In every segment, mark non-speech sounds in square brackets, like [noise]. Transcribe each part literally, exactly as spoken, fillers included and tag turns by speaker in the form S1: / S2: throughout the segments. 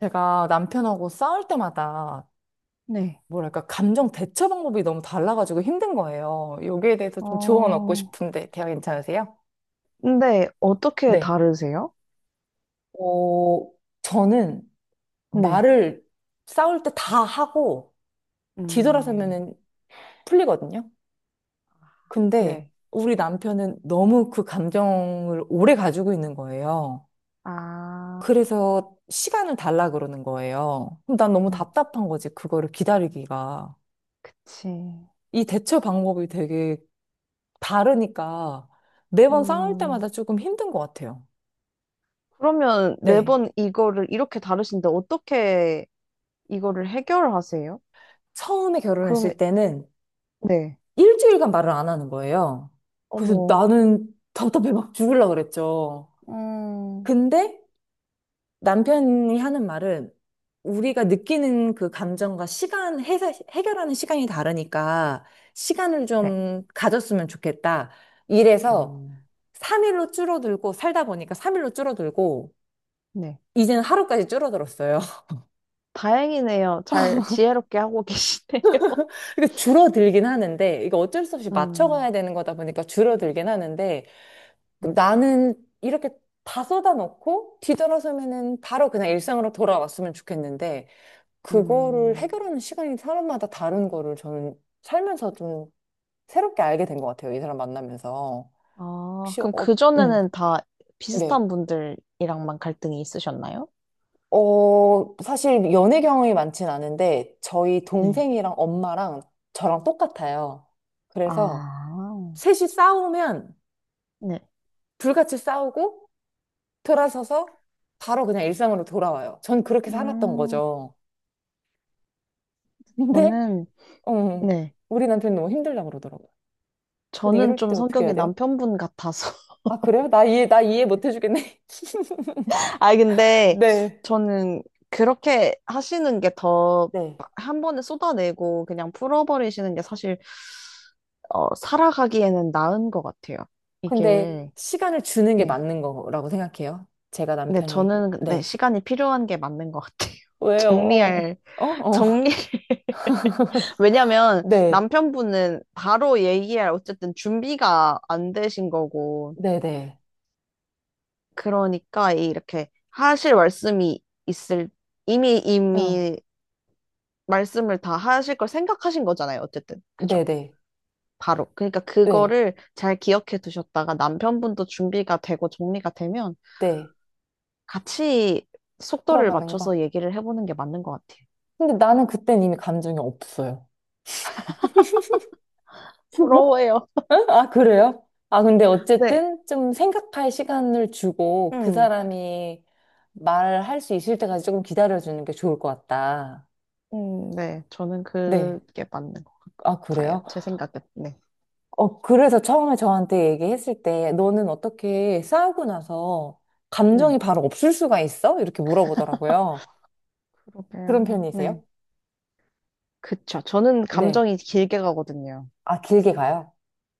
S1: 제가 남편하고 싸울 때마다
S2: 네.
S1: 뭐랄까 감정 대처 방법이 너무 달라가지고 힘든 거예요. 여기에 대해서 좀 조언 얻고
S2: 어,
S1: 싶은데 대화 괜찮으세요?
S2: 근데 어떻게
S1: 네.
S2: 다르세요?
S1: 어, 저는
S2: 네.
S1: 말을 싸울 때 다 하고
S2: 음,
S1: 뒤돌아서면은 풀리거든요. 근데
S2: 네.
S1: 우리 남편은 너무 그 감정을 오래 가지고 있는 거예요.
S2: 아,
S1: 그래서 시간을 달라 그러는 거예요. 그럼 난 너무
S2: 네.
S1: 답답한 거지, 그거를 기다리기가.
S2: 그치.
S1: 이 대처 방법이 되게 다르니까 매번 싸울
S2: 음,
S1: 때마다 조금 힘든 것 같아요.
S2: 그러면
S1: 네.
S2: 매번 이거를 이렇게 다루시는데 어떻게 이거를 해결하세요?
S1: 처음에
S2: 그럼,
S1: 결혼했을 때는
S2: 네.
S1: 일주일간 말을 안 하는 거예요. 그래서
S2: 어머,
S1: 나는 답답해 막 죽을라 그랬죠.
S2: 음,
S1: 근데 남편이 하는 말은 우리가 느끼는 그 감정과 시간, 해, 해결하는 시간이 다르니까 시간을
S2: 네.
S1: 좀 가졌으면 좋겠다. 이래서
S2: 음,
S1: 삼 일로 줄어들고 살다 보니까 삼 일로 줄어들고
S2: 네.
S1: 이제는 하루까지 줄어들었어요.
S2: 다행이네요. 잘 지혜롭게 하고 계시네요.
S1: 그까 줄어들긴 하는데, 이거 어쩔 수 없이
S2: [laughs] 음,
S1: 맞춰가야 되는 거다 보니까 줄어들긴 하는데,
S2: 네.
S1: 나는 이렇게 다 쏟아놓고 뒤돌아서면은 바로 그냥 일상으로 돌아왔으면 좋겠는데, 그거를
S2: 음.
S1: 해결하는 시간이 사람마다 다른 거를 저는 살면서 좀 새롭게 알게 된 것 같아요. 이 사람 만나면서.
S2: 아,
S1: 혹시,
S2: 그럼
S1: 어, 음,
S2: 그전에는 다
S1: 네.
S2: 비슷한 분들이랑만 갈등이 있으셨나요?
S1: 어, 사실 연애 경험이 많진 않은데, 저희
S2: 네.
S1: 동생이랑 엄마랑 저랑 똑같아요. 그래서
S2: 아,
S1: 셋이 싸우면
S2: 네.
S1: 불같이 싸우고 돌아서서 바로 그냥 일상으로 돌아와요. 전 그렇게 살았던
S2: 음,
S1: 거죠. 근데
S2: 저는,
S1: 음,
S2: 네.
S1: 우리 남편이 너무 힘들다고 그러더라고요. 근데
S2: 저는
S1: 이럴 때
S2: 좀
S1: 어떻게 해야
S2: 성격이
S1: 돼요?
S2: 남편분 같아서.
S1: 아, 그래요? 나 이해, 나 이해 못 해주겠네. [laughs]
S2: [laughs] 아, 근데
S1: 네.
S2: 저는 그렇게 하시는 게 더
S1: 네.
S2: 한 번에 쏟아내고 그냥 풀어버리시는 게 사실, 어, 살아가기에는 나은 것 같아요.
S1: 근데
S2: 이게,
S1: 시간을 주는 게
S2: 네.
S1: 맞는 거라고 생각해요. 제가
S2: 네,
S1: 남편을,
S2: 저는, 네,
S1: 네.
S2: 시간이 필요한 게 맞는 것 같아요. [laughs]
S1: 왜요?
S2: 정리할,
S1: 어, 어.
S2: 정리, 왜냐면
S1: 네.
S2: 남편분은 바로 얘기할 어쨌든 준비가 안 되신 거고
S1: 네네.
S2: 그러니까 이렇게 하실 말씀이 있을 이미
S1: 어.
S2: 이미 말씀을 다 하실 걸 생각하신 거잖아요. 어쨌든 그죠?
S1: 네네. 네.
S2: 바로. 그러니까
S1: 네.
S2: 그거를 잘 기억해 두셨다가 남편분도 준비가 되고 정리가 되면
S1: 네.
S2: 같이 속도를
S1: 풀어가는 거.
S2: 맞춰서 얘기를 해보는 게 맞는 것 같아요.
S1: 근데 나는 그땐 이미 감정이 없어요. [laughs]
S2: 부러워요.
S1: 응? 아, 그래요? 아, 근데
S2: 네.
S1: 어쨌든 좀 생각할 시간을 주고 그
S2: 음,
S1: 사람이 말할 수 있을 때까지 조금 기다려주는 게 좋을 것 같다.
S2: 음, 네. 저는
S1: 네.
S2: 그게 맞는 것
S1: 아,
S2: 같아요.
S1: 그래요?
S2: 제 생각에. 네.
S1: 어, 그래서 처음에 저한테 얘기했을 때 너는 어떻게 싸우고 나서 감정이
S2: 네.
S1: 바로 없을 수가 있어? 이렇게 물어보더라고요. 그런
S2: 그러게요. 네.
S1: 편이세요?
S2: 그쵸. 저는
S1: 네.
S2: 감정이 길게 가거든요.
S1: 아, 길게 가요?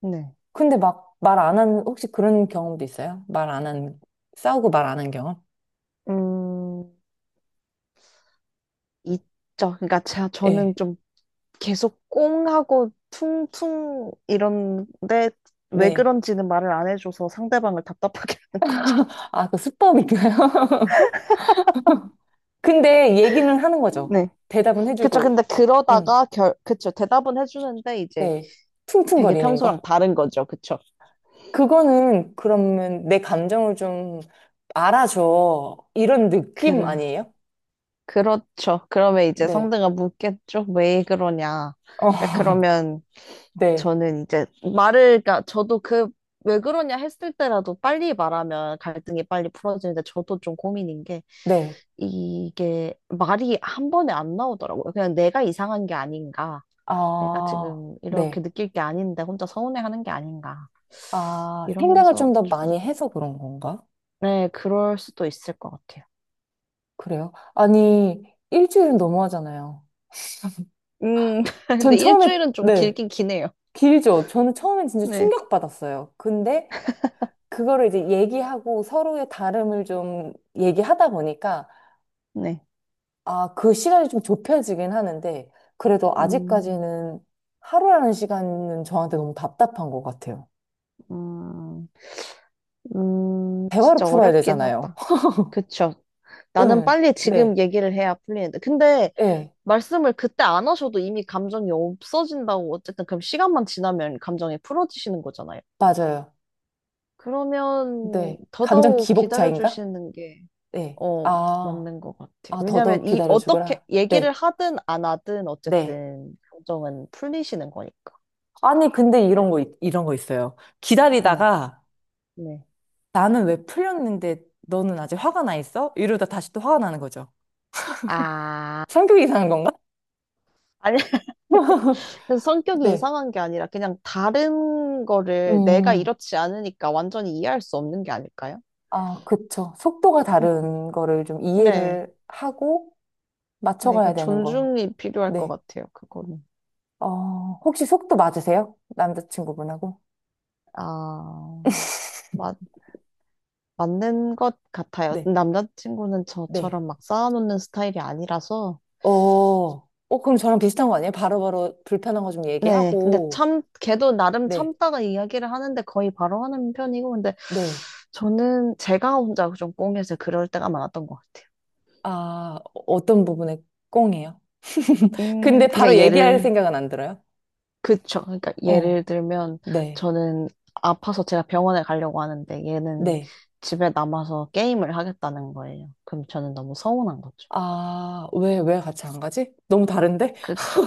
S2: 네.
S1: 근데 막 말 안 한, 혹시 그런 경험도 있어요? 말 안 한, 싸우고 말 안 한 경험?
S2: 음, 있죠. 그러니까 제가,
S1: 예.
S2: 저는 좀 계속 꽁하고 퉁퉁 이런데 왜
S1: 네.
S2: 그런지는 말을 안 해줘서 상대방을 답답하게 [laughs] 하는 거죠.
S1: 아, 그 수법인가요? [laughs] 근데 얘기는 하는 거죠.
S2: 네.
S1: 대답은
S2: 그쵸.
S1: 해주고,
S2: 근데
S1: 응
S2: 그러다가 결, 그쵸. 대답은 해주는데 이제
S1: 네.
S2: 되게
S1: 퉁퉁거리는
S2: 평소랑
S1: 거.
S2: 다른 거죠. 그쵸.
S1: 그거는 그러면 내 감정을 좀 알아줘. 이런 느낌
S2: 그래.
S1: 아니에요?
S2: 그렇죠. 그러면 이제
S1: 네.
S2: 상대가 묻겠죠. 왜 그러냐.
S1: 어,
S2: 근데
S1: [laughs]
S2: 그러면
S1: 네.
S2: 저는 이제 말을, 그러니까 저도 그, 왜 그러냐 했을 때라도 빨리 말하면 갈등이 빨리 풀어지는데 저도 좀 고민인 게
S1: 네.
S2: 이게 말이 한 번에 안 나오더라고요. 그냥 내가 이상한 게 아닌가. 내가
S1: 아,
S2: 지금
S1: 네.
S2: 이렇게 느낄 게 아닌데 혼자 서운해하는 게 아닌가.
S1: 아, 생각을
S2: 이러면서
S1: 좀 더
S2: 좀,
S1: 많이 해서 그런 건가?
S2: 네, 그럴 수도 있을 것 같아요.
S1: 그래요? 아니, 일주일은 너무하잖아요.
S2: 음, [laughs]
S1: 전
S2: 근데
S1: 처음에,
S2: 일주일은 좀
S1: 네.
S2: 길긴 기네요.
S1: 길죠. 저는 처음엔 진짜
S2: 네,
S1: 충격받았어요. 근데 그거를 이제 얘기하고 서로의 다름을 좀 얘기하다 보니까
S2: 네.
S1: 아, 그 시간이 좀 좁혀지긴 하는데 그래도
S2: 음,
S1: 아직까지는 하루라는 시간은 저한테 너무 답답한 것 같아요.
S2: 음, 음,
S1: 대화로
S2: 진짜
S1: 풀어야
S2: 어렵긴
S1: 되잖아요.
S2: 하다.
S1: [laughs]
S2: 그쵸. 나는
S1: 응,
S2: 빨리
S1: 네,
S2: 지금 얘기를 해야 풀리는데. 근데
S1: 네,
S2: 말씀을 그때 안 하셔도 이미 감정이 없어진다고 어쨌든 그럼 시간만 지나면 감정이 풀어지시는 거잖아요.
S1: 맞아요.
S2: 그러면
S1: 네. 감정
S2: 더더욱
S1: 기복차인가?
S2: 기다려주시는 게,
S1: 네.
S2: 어,
S1: 아,
S2: 맞는 것 같아요.
S1: 아, 더더욱
S2: 왜냐면 이,
S1: 기다려
S2: 어떻게
S1: 주거라.
S2: 얘기를
S1: 네,
S2: 하든 안 하든
S1: 네.
S2: 어쨌든 감정은 풀리시는 거니까.
S1: 아니, 근데
S2: 네.
S1: 이런 거, 있- 이런 거 있어요.
S2: 네.
S1: 기다리다가
S2: 네.
S1: 나는 왜 풀렸는데 너는 아직 화가 나 있어? 이러다 다시 또 화가 나는 거죠.
S2: 아,
S1: 성격이 이상한 건가?
S2: 아니.
S1: [laughs]
S2: 그래서 성격이
S1: 네.
S2: 이상한 게 아니라 그냥 다른 거를 내가
S1: 음,
S2: 이렇지 않으니까 완전히 이해할 수 없는 게 아닐까요?
S1: 아, 그쵸. 속도가
S2: 음.
S1: 다른 거를 좀
S2: 네.
S1: 이해를 하고
S2: 네,
S1: 맞춰가야
S2: 그
S1: 되는 거.
S2: 존중이 필요할 것
S1: 네.
S2: 같아요, 그거는.
S1: 어, 혹시 속도 맞으세요? 남자친구분하고?
S2: 아, 맞, 맞는 것 같아요.
S1: 네,
S2: 남자친구는
S1: 네.
S2: 저처럼 막 쌓아놓는 스타일이 아니라서.
S1: 어, 어, 그럼 저랑 비슷한 거 아니에요? 바로바로 불편한 거 좀
S2: 네, 근데
S1: 얘기하고,
S2: 참, 걔도 나름
S1: 네,
S2: 참다가 이야기를 하는데 거의 바로 하는 편이고, 근데
S1: 네.
S2: 저는 제가 혼자 좀 꽁해서 그럴 때가 많았던 것 같아요.
S1: 아, 어떤 부분에 꽁이에요? [laughs] 근데
S2: 음,
S1: 바로
S2: 그러니까
S1: 얘기할
S2: 얘를
S1: 생각은 안 들어요?
S2: 그쵸. 그러니까
S1: 어,
S2: 예를 들면
S1: 네,
S2: 저는 아파서 제가 병원에 가려고 하는데 얘는
S1: 네.
S2: 집에 남아서 게임을 하겠다는 거예요. 그럼 저는 너무 서운한 거죠.
S1: 아, 왜, 왜 같이 안 가지? 너무 다른데?
S2: 그쵸.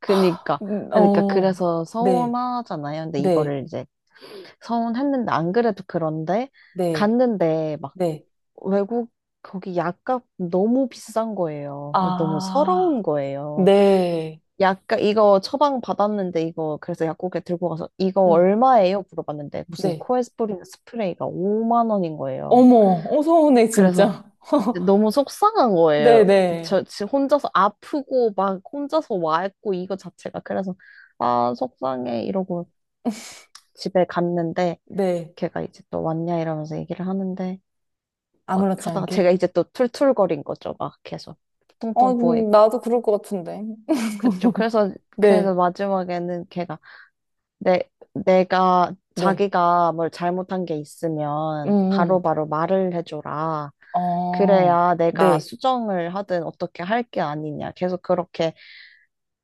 S2: 그니까.
S1: 음,
S2: 그러니까
S1: 어,
S2: 그래서
S1: 네,
S2: 서운하잖아요. 근데
S1: 네,
S2: 이거를 이제 서운했는데 안 그래도 그런데
S1: 네,
S2: 갔는데 막
S1: 네.
S2: 외국 거기 약값 너무 비싼 거예요. 너무 서러운
S1: 아,
S2: 거예요.
S1: 네,
S2: 약간 이거 처방 받았는데 이거 그래서 약국에 들고 가서 이거
S1: 응,
S2: 얼마예요? 물어봤는데 무슨
S1: 네.
S2: 코에스리린 스프레이가 오만 원인 거예요.
S1: 어머, 어, 서운해,
S2: 그래서
S1: 진짜. [laughs]
S2: 너무 속상한
S1: 네,
S2: 거예요.
S1: 네,
S2: 저, 저 혼자서 아프고 막 혼자서 와 있고 이거 자체가 그래서 아 속상해 이러고 집에 갔는데
S1: 네.
S2: 걔가 이제 또 왔냐 이러면서 얘기를 하는데 막
S1: 아무렇지
S2: 하다가
S1: 않게.
S2: 제가 이제 또 툴툴거린 거죠. 막 계속
S1: 어,
S2: 퉁퉁 부어
S1: 음,
S2: 있고
S1: 나도 그럴 것 같은데.
S2: 그쵸.
S1: [laughs]
S2: 그래서 그래서
S1: 네,
S2: 마지막에는 걔가 내, 내가
S1: 네.
S2: 자기가 뭘 잘못한 게
S1: 음,
S2: 있으면
S1: 음.
S2: 바로바로 말을 해줘라.
S1: 어,
S2: 그래야 내가
S1: 네.
S2: 수정을 하든 어떻게 할 게 아니냐. 계속 그렇게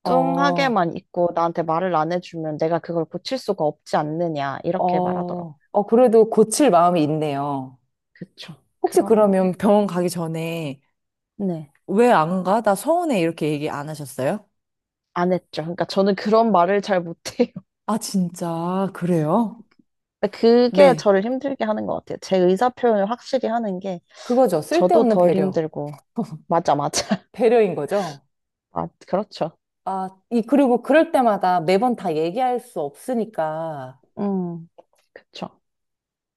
S1: 어,
S2: 뚱하게만 있고 나한테 말을 안 해주면 내가 그걸 고칠 수가 없지 않느냐. 이렇게 말하더라고.
S1: 어, 어, 그래도 고칠 마음이 있네요.
S2: 그쵸.
S1: 혹시
S2: 그런,
S1: 그러면 병원 가기 전에
S2: 네.
S1: 왜 안 가? 나 서운해. 이렇게 얘기 안 하셨어요?
S2: 안 했죠. 그러니까 저는 그런 말을 잘 못해요. [laughs]
S1: 아, 진짜, 그래요?
S2: 근데 그게
S1: 네.
S2: 저를 힘들게 하는 것 같아요. 제 의사 표현을 확실히 하는 게
S1: 그거죠.
S2: 저도
S1: 쓸데없는
S2: 덜
S1: 배려.
S2: 힘들고. 맞아, 맞아.
S1: 배려인 거죠.
S2: [laughs] 아, 그렇죠.
S1: 아, 이, 그리고 그럴 때마다 매번 다 얘기할 수 없으니까,
S2: 음, 그쵸.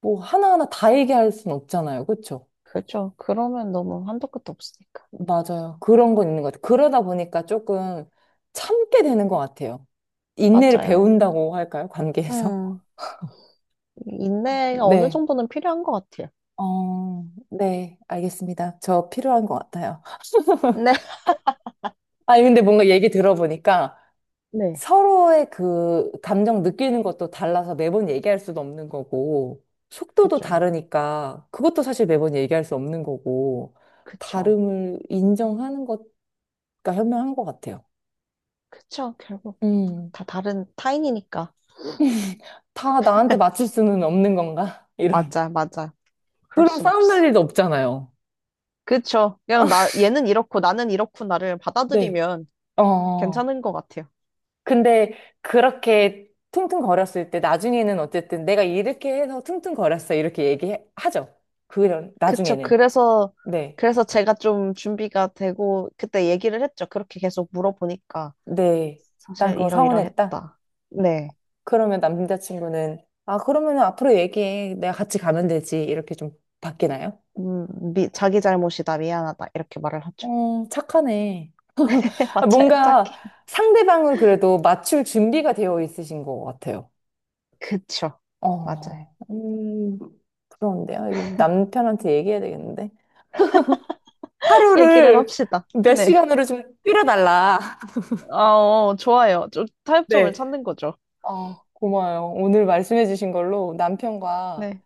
S1: 뭐, 하나하나 다 얘기할 수는 없잖아요. 그쵸?
S2: 그죠. 그러면 너무 한도 끝도 없으니까.
S1: 맞아요. 그런 건 있는 것 같아요. 그러다 보니까 조금 참게 되는 것 같아요. 인내를
S2: 맞아요.
S1: 배운다고 할까요? 관계에서?
S2: 음,
S1: [laughs]
S2: 인내가 어느
S1: 네.
S2: 정도는 필요한 것 같아요.
S1: 어, 네. 알겠습니다. 저 필요한 것 같아요.
S2: 네.
S1: 아니, 근데 뭔가 얘기 들어보니까
S2: 네.
S1: 서로의 그 감정 느끼는 것도 달라서 매번 얘기할 수도 없는 거고, 속도도
S2: 그죠.
S1: 다르니까 그것도 사실 매번 얘기할 수 없는 거고,
S2: 그쵸.
S1: 다름을 인정하는 것과 현명한 것 같아요.
S2: 그쵸. 결국
S1: 음.
S2: 다 다른 타인이니까.
S1: [laughs] 다 나한테 맞출 수는 없는 건가? [laughs] 이런.
S2: 맞아, 맞아. 그럴
S1: 그럼
S2: 순
S1: 싸움 날
S2: 없어.
S1: 일도 없잖아요.
S2: 그쵸. 그냥 나,
S1: [laughs]
S2: 얘는 이렇고 나는 이렇구나를
S1: 네.
S2: 받아들이면
S1: 어.
S2: 괜찮은 것 같아요.
S1: 근데 그렇게 퉁퉁거렸을 때 나중에는 어쨌든 내가 이렇게 해서 퉁퉁거렸어 이렇게 얘기하죠. 그런
S2: 그쵸.
S1: 나중에는
S2: 그래서,
S1: 네,
S2: 그래서 제가 좀 준비가 되고 그때 얘기를 했죠. 그렇게 계속 물어보니까
S1: 네, 난
S2: 사실
S1: 그거 서운했다.
S2: 이러이러했다. 네.
S1: 그러면 남자친구는 아 그러면 앞으로 얘기해 내가 같이 가면 되지 이렇게 좀 바뀌나요?
S2: 음, 미, 자기 잘못이다, 미안하다, 이렇게 말을 하죠.
S1: 어 착하네.
S2: [laughs] 네,
S1: 아,
S2: 맞아요,
S1: 뭔가
S2: 딱히.
S1: 상대방을 그래도 맞출 준비가 되어 있으신 것 같아요.
S2: 그쵸, 맞아요.
S1: 어, 음, 그런데요. 이거 남편한테 얘기해야 되겠는데.
S2: [laughs] 얘기를
S1: 하루를
S2: 합시다.
S1: 몇
S2: 네.
S1: 시간으로 좀 줄여달라.
S2: 아, 어, 좋아요. 좀 타협점을
S1: 네.
S2: 찾는 거죠.
S1: 어, 고마워요. 오늘 말씀해주신 걸로 남편과
S2: 네.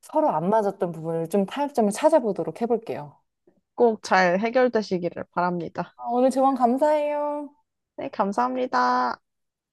S1: 서로 안 맞았던 부분을 좀 타협점을 찾아보도록 해볼게요.
S2: 꼭 잘 해결되시기를 바랍니다.
S1: 아, 오늘 조언 감사해요.
S2: 네, 감사합니다.